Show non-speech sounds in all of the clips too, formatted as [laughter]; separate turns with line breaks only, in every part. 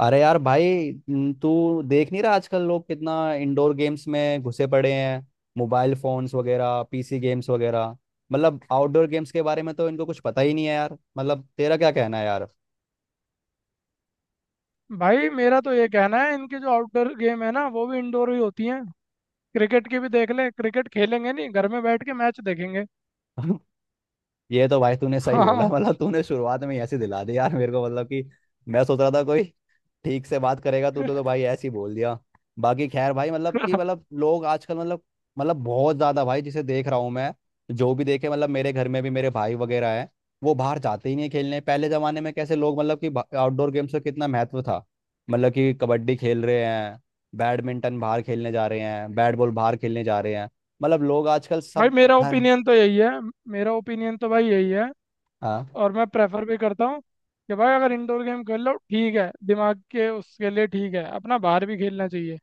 अरे यार भाई तू देख नहीं रहा आजकल लोग कितना इंडोर गेम्स में घुसे पड़े हैं। मोबाइल फोन्स वगैरह, पीसी गेम्स वगैरह। मतलब आउटडोर गेम्स के बारे में तो इनको कुछ पता ही नहीं है यार। मतलब तेरा क्या कहना है यार?
भाई मेरा तो ये कहना है, इनकी जो आउटडोर गेम है ना, वो भी इंडोर ही होती हैं। क्रिकेट की भी देख ले। क्रिकेट खेलेंगे नहीं, घर में बैठ के मैच देखेंगे।
[laughs] ये तो भाई तूने
[laughs]
सही
हाँ,
बोला। [laughs]
हाँ।
मतलब तूने शुरुआत में ही ऐसे दिला दी यार मेरे को, मतलब कि मैं सोच रहा था कोई ठीक से बात करेगा तू, तो भाई ऐसे ही बोल दिया। बाकी खैर भाई, मतलब कि लोग आजकल बहुत ज्यादा भाई, जिसे देख रहा हूँ मैं, जो भी देखे। मतलब मेरे घर में भी मेरे भाई वगैरह हैं, वो बाहर जाते ही नहीं खेलने। पहले जमाने में कैसे लोग, मतलब कि आउटडोर गेम्स का कितना महत्व था। मतलब कि कबड्डी खेल रहे हैं, बैडमिंटन बाहर खेलने जा रहे हैं, बैट बॉल बाहर खेलने जा रहे हैं। मतलब लोग आजकल
भाई
सब
मेरा
घर।
ओपिनियन तो यही है। मेरा ओपिनियन तो भाई यही है,
हाँ।
और मैं प्रेफर भी करता हूँ कि भाई अगर इंडोर गेम खेल लो, ठीक है, दिमाग के उसके लिए ठीक है, अपना बाहर भी खेलना चाहिए।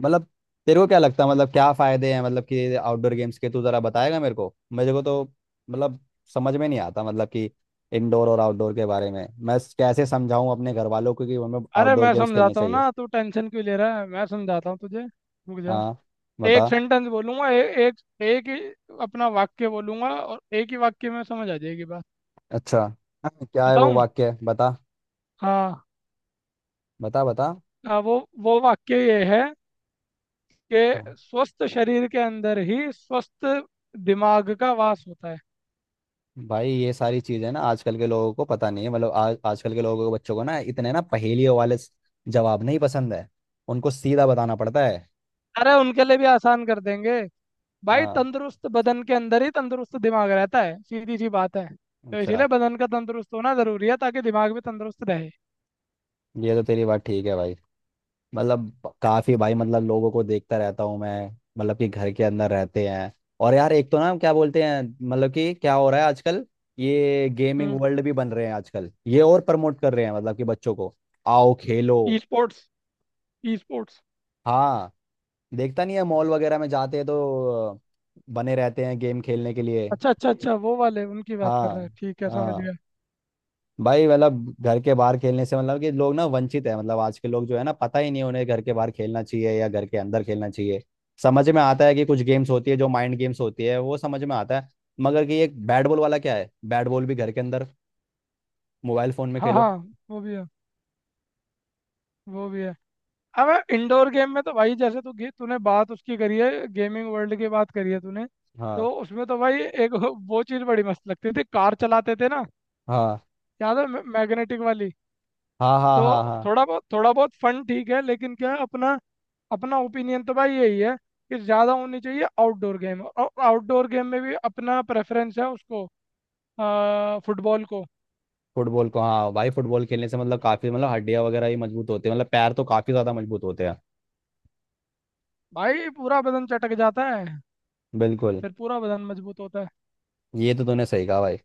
मतलब तेरे को क्या लगता है, मतलब क्या फायदे हैं मतलब कि आउटडोर गेम्स के? तू जरा बताएगा मेरे को, मेरे को तो मतलब समझ में नहीं आता मतलब कि इंडोर और आउटडोर के बारे में मैं कैसे समझाऊं अपने घर वालों को कि हमें
अरे
आउटडोर
मैं
गेम्स खेलने
समझाता हूँ
चाहिए।
ना, तू टेंशन क्यों ले रहा है, मैं समझाता हूँ तुझे, रुक जा।
हाँ,
एक
बता।
सेंटेंस बोलूंगा, ए, एक एक ही अपना वाक्य बोलूंगा, और एक ही वाक्य में समझ आ जाएगी बात।
अच्छा, हाँ, क्या है वो
बताऊँ?
वाक्य? बता
हाँ।
बता बता
आ, वो वाक्य ये है कि
हाँ।
स्वस्थ शरीर के अंदर ही स्वस्थ दिमाग का वास होता है।
भाई ये सारी चीजें ना आजकल के लोगों को पता नहीं है। मतलब आज आजकल के लोगों को, बच्चों को ना इतने ना पहेलियों वाले जवाब नहीं पसंद है। उनको सीधा बताना पड़ता है।
अरे उनके लिए भी आसान कर देंगे। भाई
हाँ,
तंदुरुस्त बदन के अंदर ही तंदुरुस्त दिमाग रहता है, सीधी सी बात है। तो
अच्छा।
इसीलिए बदन का तंदुरुस्त होना जरूरी है, ताकि दिमाग भी तंदुरुस्त रहे।
ये तो तेरी बात ठीक है भाई। मतलब काफी, भाई मतलब लोगों को देखता रहता हूँ मैं, मतलब कि घर के अंदर रहते हैं। और यार एक तो ना क्या बोलते हैं मतलब कि क्या हो रहा है आजकल। ये
हम्म।
गेमिंग वर्ल्ड भी बन रहे हैं आजकल, ये और प्रमोट कर रहे हैं मतलब कि बच्चों को, आओ खेलो।
E sports. E sports.
हाँ। देखता नहीं है, मॉल वगैरह में जाते हैं तो बने रहते हैं गेम खेलने के लिए।
अच्छा, अच्छा, अच्छा, वो वाले उनकी बात कर रहा
हाँ,
है, ठीक है, समझ
हाँ।
गया।
भाई मतलब घर के बाहर खेलने से मतलब कि लोग ना वंचित है। मतलब आज के लोग जो है ना, पता ही नहीं उन्हें घर के बाहर खेलना चाहिए या घर के अंदर खेलना चाहिए। समझ में आता है कि कुछ गेम्स होती है जो माइंड गेम्स होती है, वो समझ में आता है। मगर कि एक बैट बॉल वाला क्या है, बैट बॉल भी घर के अंदर मोबाइल फोन में
हाँ,
खेलो।
हाँ। वो भी है। वो भी है। अब इंडोर गेम में तो भाई, जैसे तूने बात उसकी करी है, गेमिंग वर्ल्ड की बात करी है तूने।
हाँ
तो उसमें तो भाई एक [laughs] वो चीज़ बड़ी मस्त लगती थी, कार चलाते थे ना,
हाँ
याद है? मैग्नेटिक वाली।
हाँ हाँ।
तो
हाँ हाँ।
थोड़ा बहुत फन, ठीक है, लेकिन क्या है, अपना अपना ओपिनियन तो भाई यही है कि ज़्यादा होनी चाहिए आउटडोर गेम, और आउटडोर गेम में भी अपना प्रेफरेंस है उसको, फुटबॉल को।
फुटबॉल को, हाँ भाई। फुटबॉल खेलने से मतलब काफी मतलब हड्डियां वगैरह भी मजबूत होती है, मतलब पैर तो काफी ज्यादा मजबूत होते हैं।
भाई पूरा बदन चटक जाता है,
बिल्कुल।
फिर पूरा बदन मजबूत होता है।
ये तो तूने सही कहा भाई।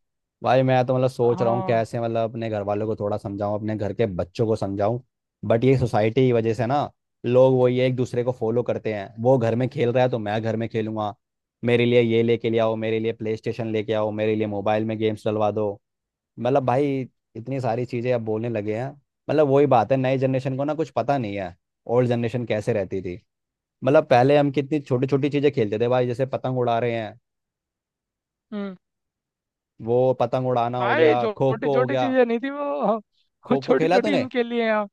भाई मैं तो मतलब सोच रहा हूँ
हाँ।
कैसे मतलब अपने घर वालों को थोड़ा समझाऊं, अपने घर के बच्चों को समझाऊं। बट ये सोसाइटी की वजह से ना, लोग वो ये एक दूसरे को फॉलो करते हैं। वो घर में खेल रहा है तो मैं घर में खेलूंगा। मेरे लिए ये लेके ले आओ, मेरे लिए प्ले स्टेशन लेके आओ, मेरे लिए मोबाइल में गेम्स डलवा दो। मतलब भाई इतनी सारी चीज़ें अब बोलने लगे हैं। मतलब वही बात है, नई जनरेशन को ना कुछ पता नहीं है। ओल्ड जनरेशन कैसे रहती थी। मतलब पहले हम कितनी छोटी छोटी चीज़ें खेलते थे भाई, जैसे पतंग उड़ा रहे हैं,
हम्म।
वो पतंग उड़ाना हो गया,
भाई
खो
छोटी
खो हो
छोटी
गया।
चीजें नहीं थी वो, हाँ, वो
खो खो
छोटी
खेला
छोटी
तूने
इनके लिए हैं।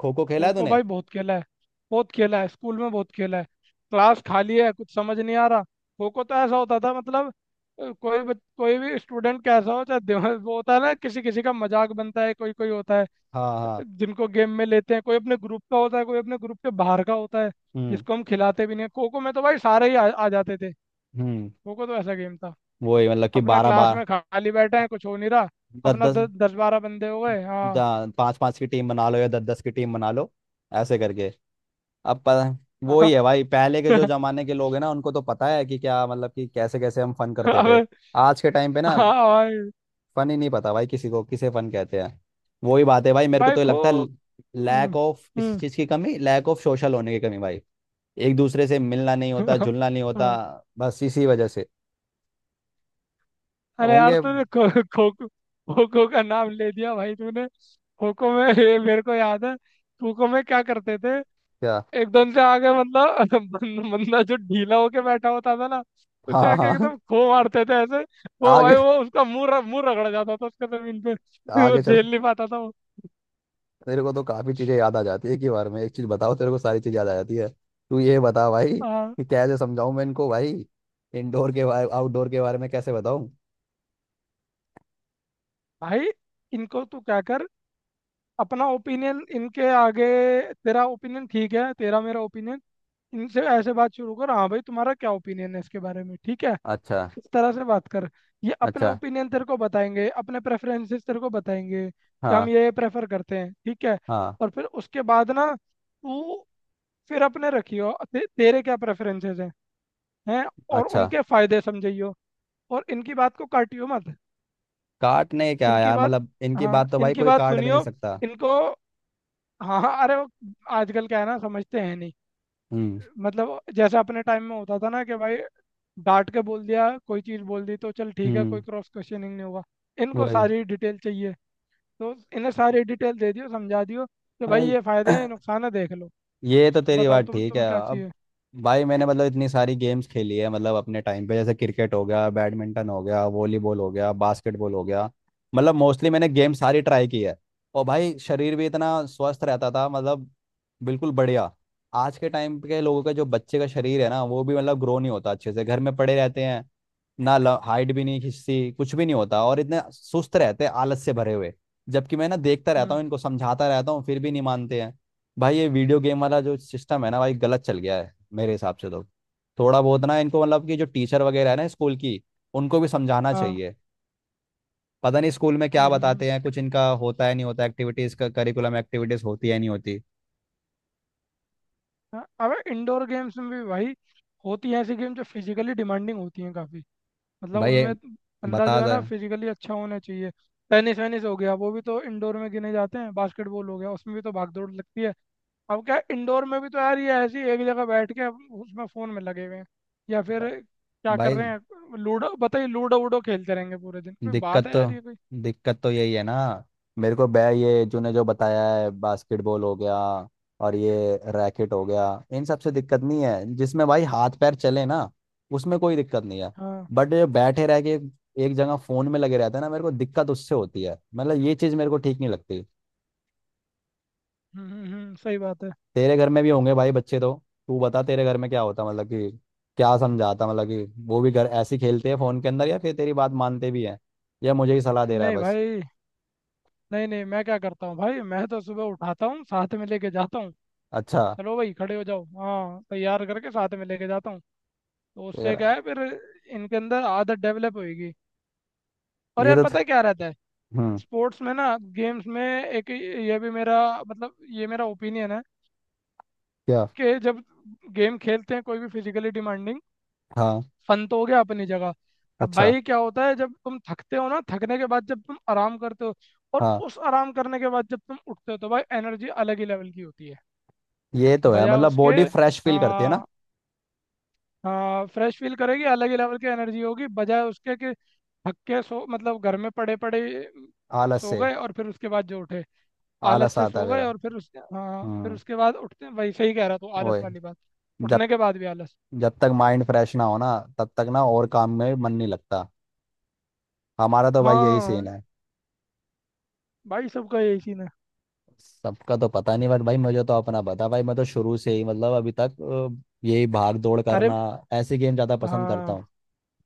खो खो
खो
खेला
खो
तूने
भाई बहुत खेला है, बहुत खेला है, स्कूल में बहुत खेला है। क्लास खाली है, कुछ समझ नहीं आ रहा, खो खो तो ऐसा होता था, मतलब कोई भी स्टूडेंट कैसा हो चाहे वो होता है ना, किसी किसी का मजाक बनता है, कोई कोई होता है
हाँ हाँ।
जिनको गेम में लेते हैं, कोई अपने ग्रुप का होता है, कोई अपने ग्रुप के बाहर का होता है
हम्म
जिसको हम खिलाते भी नहीं हैं। खो खो में तो भाई सारे ही आ जाते थे।
हम्म
खो खो तो ऐसा गेम था।
वही मतलब कि
अपना
बारह
क्लास
बार।
में खाली बैठे हैं, कुछ हो नहीं रहा, अपना
दस
दस बारह बंदे हो गए, हाँ।
दस पांच पांच की टीम बना लो या दस दस की टीम बना लो, ऐसे करके। अब प- वो ही है
[laughs]
भाई, पहले के जो जमाने के लोग हैं ना, उनको तो पता है कि क्या मतलब कि कैसे कैसे हम फन करते थे।
अब।
आज के टाइम पे ना
हाँ भाई।
फन ही नहीं पता भाई किसी को किसे फन कहते हैं। वही बात है भाई, मेरे को
भाई
तो ये
खो
लगता है
हम्म,
लैक ऑफ, किसी
हम्म,
चीज़ की कमी, लैक ऑफ सोशल होने की कमी भाई। एक दूसरे से मिलना नहीं होता, जुलना नहीं होता।
हाँ।
बस इसी वजह से
अरे यार
होंगे।
तूने खो खो खो का नाम ले दिया भाई तूने। खो खो में ये मेरे को याद है, खो खो में क्या करते थे।
क्या?
एकदम से आगे मतलब [laughs] बंदा जो ढीला होके बैठा होता था ना,
हाँ
उसे आके
हाँ हाँ।
एकदम खो मारते थे ऐसे। वो
आगे,
भाई, वो उसका मुंह रगड़ जाता था उसका जमीन पे। [laughs] वो
आगे चलो।
झेल नहीं पाता था।
तेरे को तो काफी चीजें याद आ जाती है एक ही बार में, एक चीज बताओ तेरे को सारी चीज याद आ जाती है। तू ये बता भाई
आ,
कि कैसे समझाऊं मैं इनको भाई, इंडोर के बारे आउटडोर के बारे में कैसे बताऊं?
भाई इनको तू क्या कर, अपना ओपिनियन इनके आगे, तेरा ओपिनियन ठीक है, तेरा, मेरा ओपिनियन, इनसे ऐसे बात शुरू कर, हाँ भाई तुम्हारा क्या ओपिनियन है इसके बारे में, ठीक है।
अच्छा,
इस तरह से बात कर। ये अपने
अच्छा।
ओपिनियन तेरे को बताएंगे, अपने प्रेफरेंसेस तेरे को बताएंगे कि हम
हाँ,
ये प्रेफर करते हैं, ठीक है।
हाँ।
और फिर उसके बाद ना तू फिर अपने रखियो, तेरे क्या प्रेफरेंसेस हैं। और
अच्छा।
उनके फायदे समझियो, और इनकी बात को काटियो मत।
काटने क्या
इनकी
यार,
बात,
मतलब इनकी
हाँ,
बात तो भाई
इनकी
कोई
बात
काट भी नहीं
सुनियो
सकता।
इनको। हाँ, हाँ। अरे वो आजकल क्या है ना, समझते हैं नहीं।
हम्म
मतलब जैसे अपने टाइम में होता था ना कि भाई डांट के बोल दिया कोई चीज़ बोल दी तो चल ठीक है, कोई
हम्म
क्रॉस क्वेश्चनिंग नहीं होगा। इनको
वही।
सारी डिटेल चाहिए। तो इन्हें सारी डिटेल दे दियो, समझा दियो कि भाई
अरे
ये फायदे हैं, ये
[clears throat]
नुकसान है, देख लो।
ये तो तेरी
बताओ
बात
तुम
ठीक है।
तुम्हें क्या
अब
चाहिए।
भाई मैंने मतलब इतनी सारी गेम्स खेली है, मतलब अपने टाइम पे जैसे क्रिकेट हो गया, बैडमिंटन हो गया, वॉलीबॉल हो गया, बास्केटबॉल हो गया। मतलब मोस्टली मैंने गेम सारी ट्राई की है। और भाई शरीर भी इतना स्वस्थ रहता था, मतलब बिल्कुल बढ़िया। आज के टाइम के लोगों का जो बच्चे का शरीर है ना, वो भी मतलब ग्रो नहीं होता अच्छे से, घर में पड़े रहते हैं ना। हाइट भी नहीं खिंचती, कुछ भी नहीं होता, और इतने सुस्त रहते हैं आलस से भरे हुए। जबकि मैं ना देखता रहता
हम्म।
हूँ, इनको समझाता रहता हूँ, फिर भी नहीं मानते हैं। भाई ये वीडियो गेम वाला जो सिस्टम है ना भाई, गलत चल गया है मेरे हिसाब से तो। थोड़ा बहुत ना इनको मतलब कि जो टीचर वगैरह है ना स्कूल की, उनको भी समझाना
हाँ।
चाहिए। पता नहीं स्कूल में क्या
हम्म, हम्म,
बताते हैं, कुछ इनका होता है नहीं होता, एक्टिविटीज का करिकुलम, एक्टिविटीज होती है नहीं होती।
हाँ। अब इंडोर गेम्स में भी भाई होती हैं ऐसी गेम जो फिजिकली डिमांडिंग होती हैं काफ़ी, मतलब
भाई ये
उनमें बंदा
बता
जो है
जा
ना फिजिकली अच्छा होना चाहिए। टेनिस वेनिस हो गया, वो भी तो इंडोर में गिने जाते हैं, बास्केटबॉल हो गया, उसमें भी तो भाग दौड़ लगती है। अब क्या इंडोर में भी तो यार, ये ऐसी एक जगह बैठ के अब उसमें फ़ोन में लगे हुए हैं, या फिर क्या कर रहे
भाई।
हैं, लूडो बताइए, लूडो वूडो खेलते रहेंगे पूरे दिन, कोई बात
दिक्कत
है
तो
यार ये कोई।
दिक्कत तो यही है ना। मेरे को बै ये तूने जो बताया है, बास्केटबॉल हो गया और ये रैकेट हो गया, इन सब से दिक्कत नहीं है। जिसमें भाई हाथ पैर चले ना, उसमें कोई दिक्कत नहीं है।
हाँ।
बट ये बैठे रह के एक जगह फोन में लगे रहते हैं ना, मेरे को दिक्कत उससे होती है। मतलब ये चीज मेरे को ठीक नहीं लगती।
हम्म, हम्म, सही बात है।
तेरे घर में भी होंगे भाई बच्चे तो। तू बता तेरे घर में क्या होता मतलब कि क्या समझाता, मतलब कि वो भी घर ऐसे ही खेलते हैं फोन के अंदर, या फिर तेरी बात मानते भी हैं? या मुझे ही सलाह दे रहा है
नहीं
बस?
भाई, नहीं, नहीं, मैं क्या करता हूँ भाई, मैं तो सुबह उठाता हूँ, साथ में लेके जाता हूँ,
अच्छा।
चलो भाई खड़े हो जाओ, हाँ, तैयार करके साथ में लेके जाता हूँ। तो उससे
तेरा
क्या है फिर, इनके अंदर आदत डेवलप होगी। और
ये
यार
तो
पता है क्या रहता है,
हम्म।
स्पोर्ट्स में ना, गेम्स में एक ये भी मेरा, मतलब ये मेरा ओपिनियन है,
क्या?
कि जब गेम खेलते हैं कोई भी फिजिकली डिमांडिंग,
हाँ।
फन तो हो गया अपनी जगह, अब
अच्छा।
भाई क्या होता है जब तुम थकते हो ना, थकने के बाद जब तुम आराम करते हो, और
हाँ,
उस आराम करने के बाद जब तुम उठते हो तो भाई एनर्जी अलग ही लेवल की होती है,
ये तो है
बजाय
मतलब
उसके।
बॉडी फ्रेश फील करती है ना।
हाँ। हाँ, फ्रेश फील करेगी, अलग ही लेवल की एनर्जी होगी, बजाय उसके कि थक के सो मतलब घर में पड़े पड़े
आलस
सो
से।
गए और फिर उसके बाद जो उठे। आलस
आलस
से
आता है
सो गए
मेरा।
और फिर उस हाँ, फिर
हम्म।
उसके बाद उठते, वही सही कह रहा तू, आलस
ओए,
वाली बात।
जब
उठने के बाद भी आलस।
जब तक माइंड फ्रेश ना हो ना तब तक ना और काम में मन नहीं लगता। हमारा तो भाई यही सीन
हाँ,
है।
भाई सबका यही सीन है।
सबका तो पता नहीं, बट भाई मुझे तो अपना पता। भाई मैं तो शुरू से ही मतलब अभी तक यही भाग दौड़
अरे,
करना, ऐसे गेम ज्यादा पसंद करता
हाँ।
हूँ।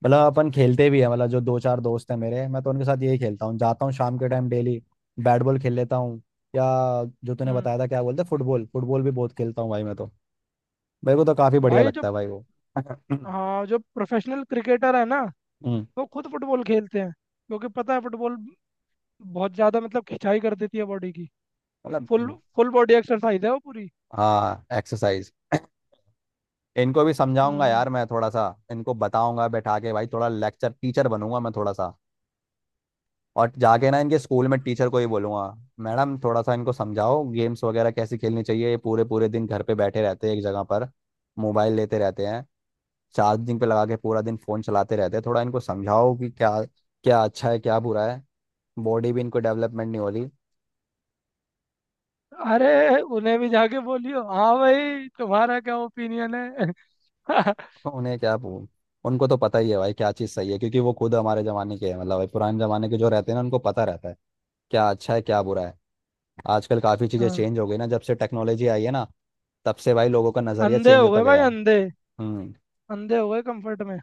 मतलब अपन खेलते भी है, मतलब जो दो चार दोस्त हैं मेरे, मैं तो उनके साथ यही खेलता हूँ, जाता हूँ शाम के टाइम डेली। बैट बॉल खेल लेता हूँ, या जो तूने
हम्म।
बताया था क्या बोलते, फुटबॉल, फुटबॉल भी बहुत खेलता हूँ भाई मैं तो। मेरे को तो काफी बढ़िया
भाई जो
लगता है भाई वो। [clears throat] हम्म,
हाँ, जो प्रोफेशनल क्रिकेटर है ना, वो खुद फुटबॉल खेलते हैं क्योंकि पता है फुटबॉल बहुत ज्यादा मतलब खिंचाई कर देती है बॉडी की।
मतलब
फुल फुल बॉडी एक्सरसाइज है वो पूरी।
हाँ एक्सरसाइज। [clears throat] इनको भी समझाऊंगा
हम्म।
यार मैं थोड़ा सा। इनको बताऊंगा बैठा के भाई, थोड़ा लेक्चर टीचर बनूंगा मैं थोड़ा सा। और जाके ना इनके स्कूल में टीचर को ही बोलूंगा, मैडम थोड़ा सा इनको समझाओ गेम्स वगैरह कैसे खेलनी चाहिए, ये पूरे पूरे दिन घर पे बैठे रहते हैं एक जगह पर, मोबाइल लेते रहते हैं, चार्जिंग पे लगा के पूरा दिन फोन चलाते रहते हैं। थोड़ा इनको समझाओ कि क्या, क्या अच्छा है क्या बुरा है, बॉडी भी इनको डेवलपमेंट नहीं हो रही।
अरे उन्हें भी जाके बोलियो, हाँ भाई तुम्हारा क्या ओपिनियन है। [laughs]
तो उन्हें क्या उनको तो पता ही है भाई क्या चीज़ सही है, क्योंकि वो खुद हमारे ज़माने के हैं। मतलब भाई पुराने ज़माने के जो रहते हैं ना, उनको पता रहता है क्या अच्छा है क्या बुरा है। आजकल काफ़ी चीज़ें
हाँ।
चेंज हो गई ना, जब से टेक्नोलॉजी आई है ना, तब से भाई लोगों का नज़रिया
अंधे
चेंज
हो
होता
गए भाई,
गया है।
अंधे।
हम्म।
अंधे हो गए कंफर्ट में।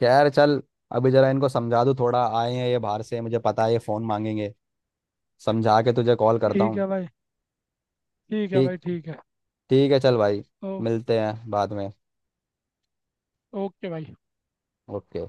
खैर चल, अभी जरा इनको समझा दूँ, थोड़ा आए हैं ये बाहर से, मुझे पता है ये फ़ोन मांगेंगे। समझा के तुझे कॉल करता
ठीक
हूँ।
है भाई। ठीक है भाई,
ठीक,
ठीक है।
ठीक है, चल भाई,
ओ,
मिलते हैं बाद में।
ओके भाई।
ओके।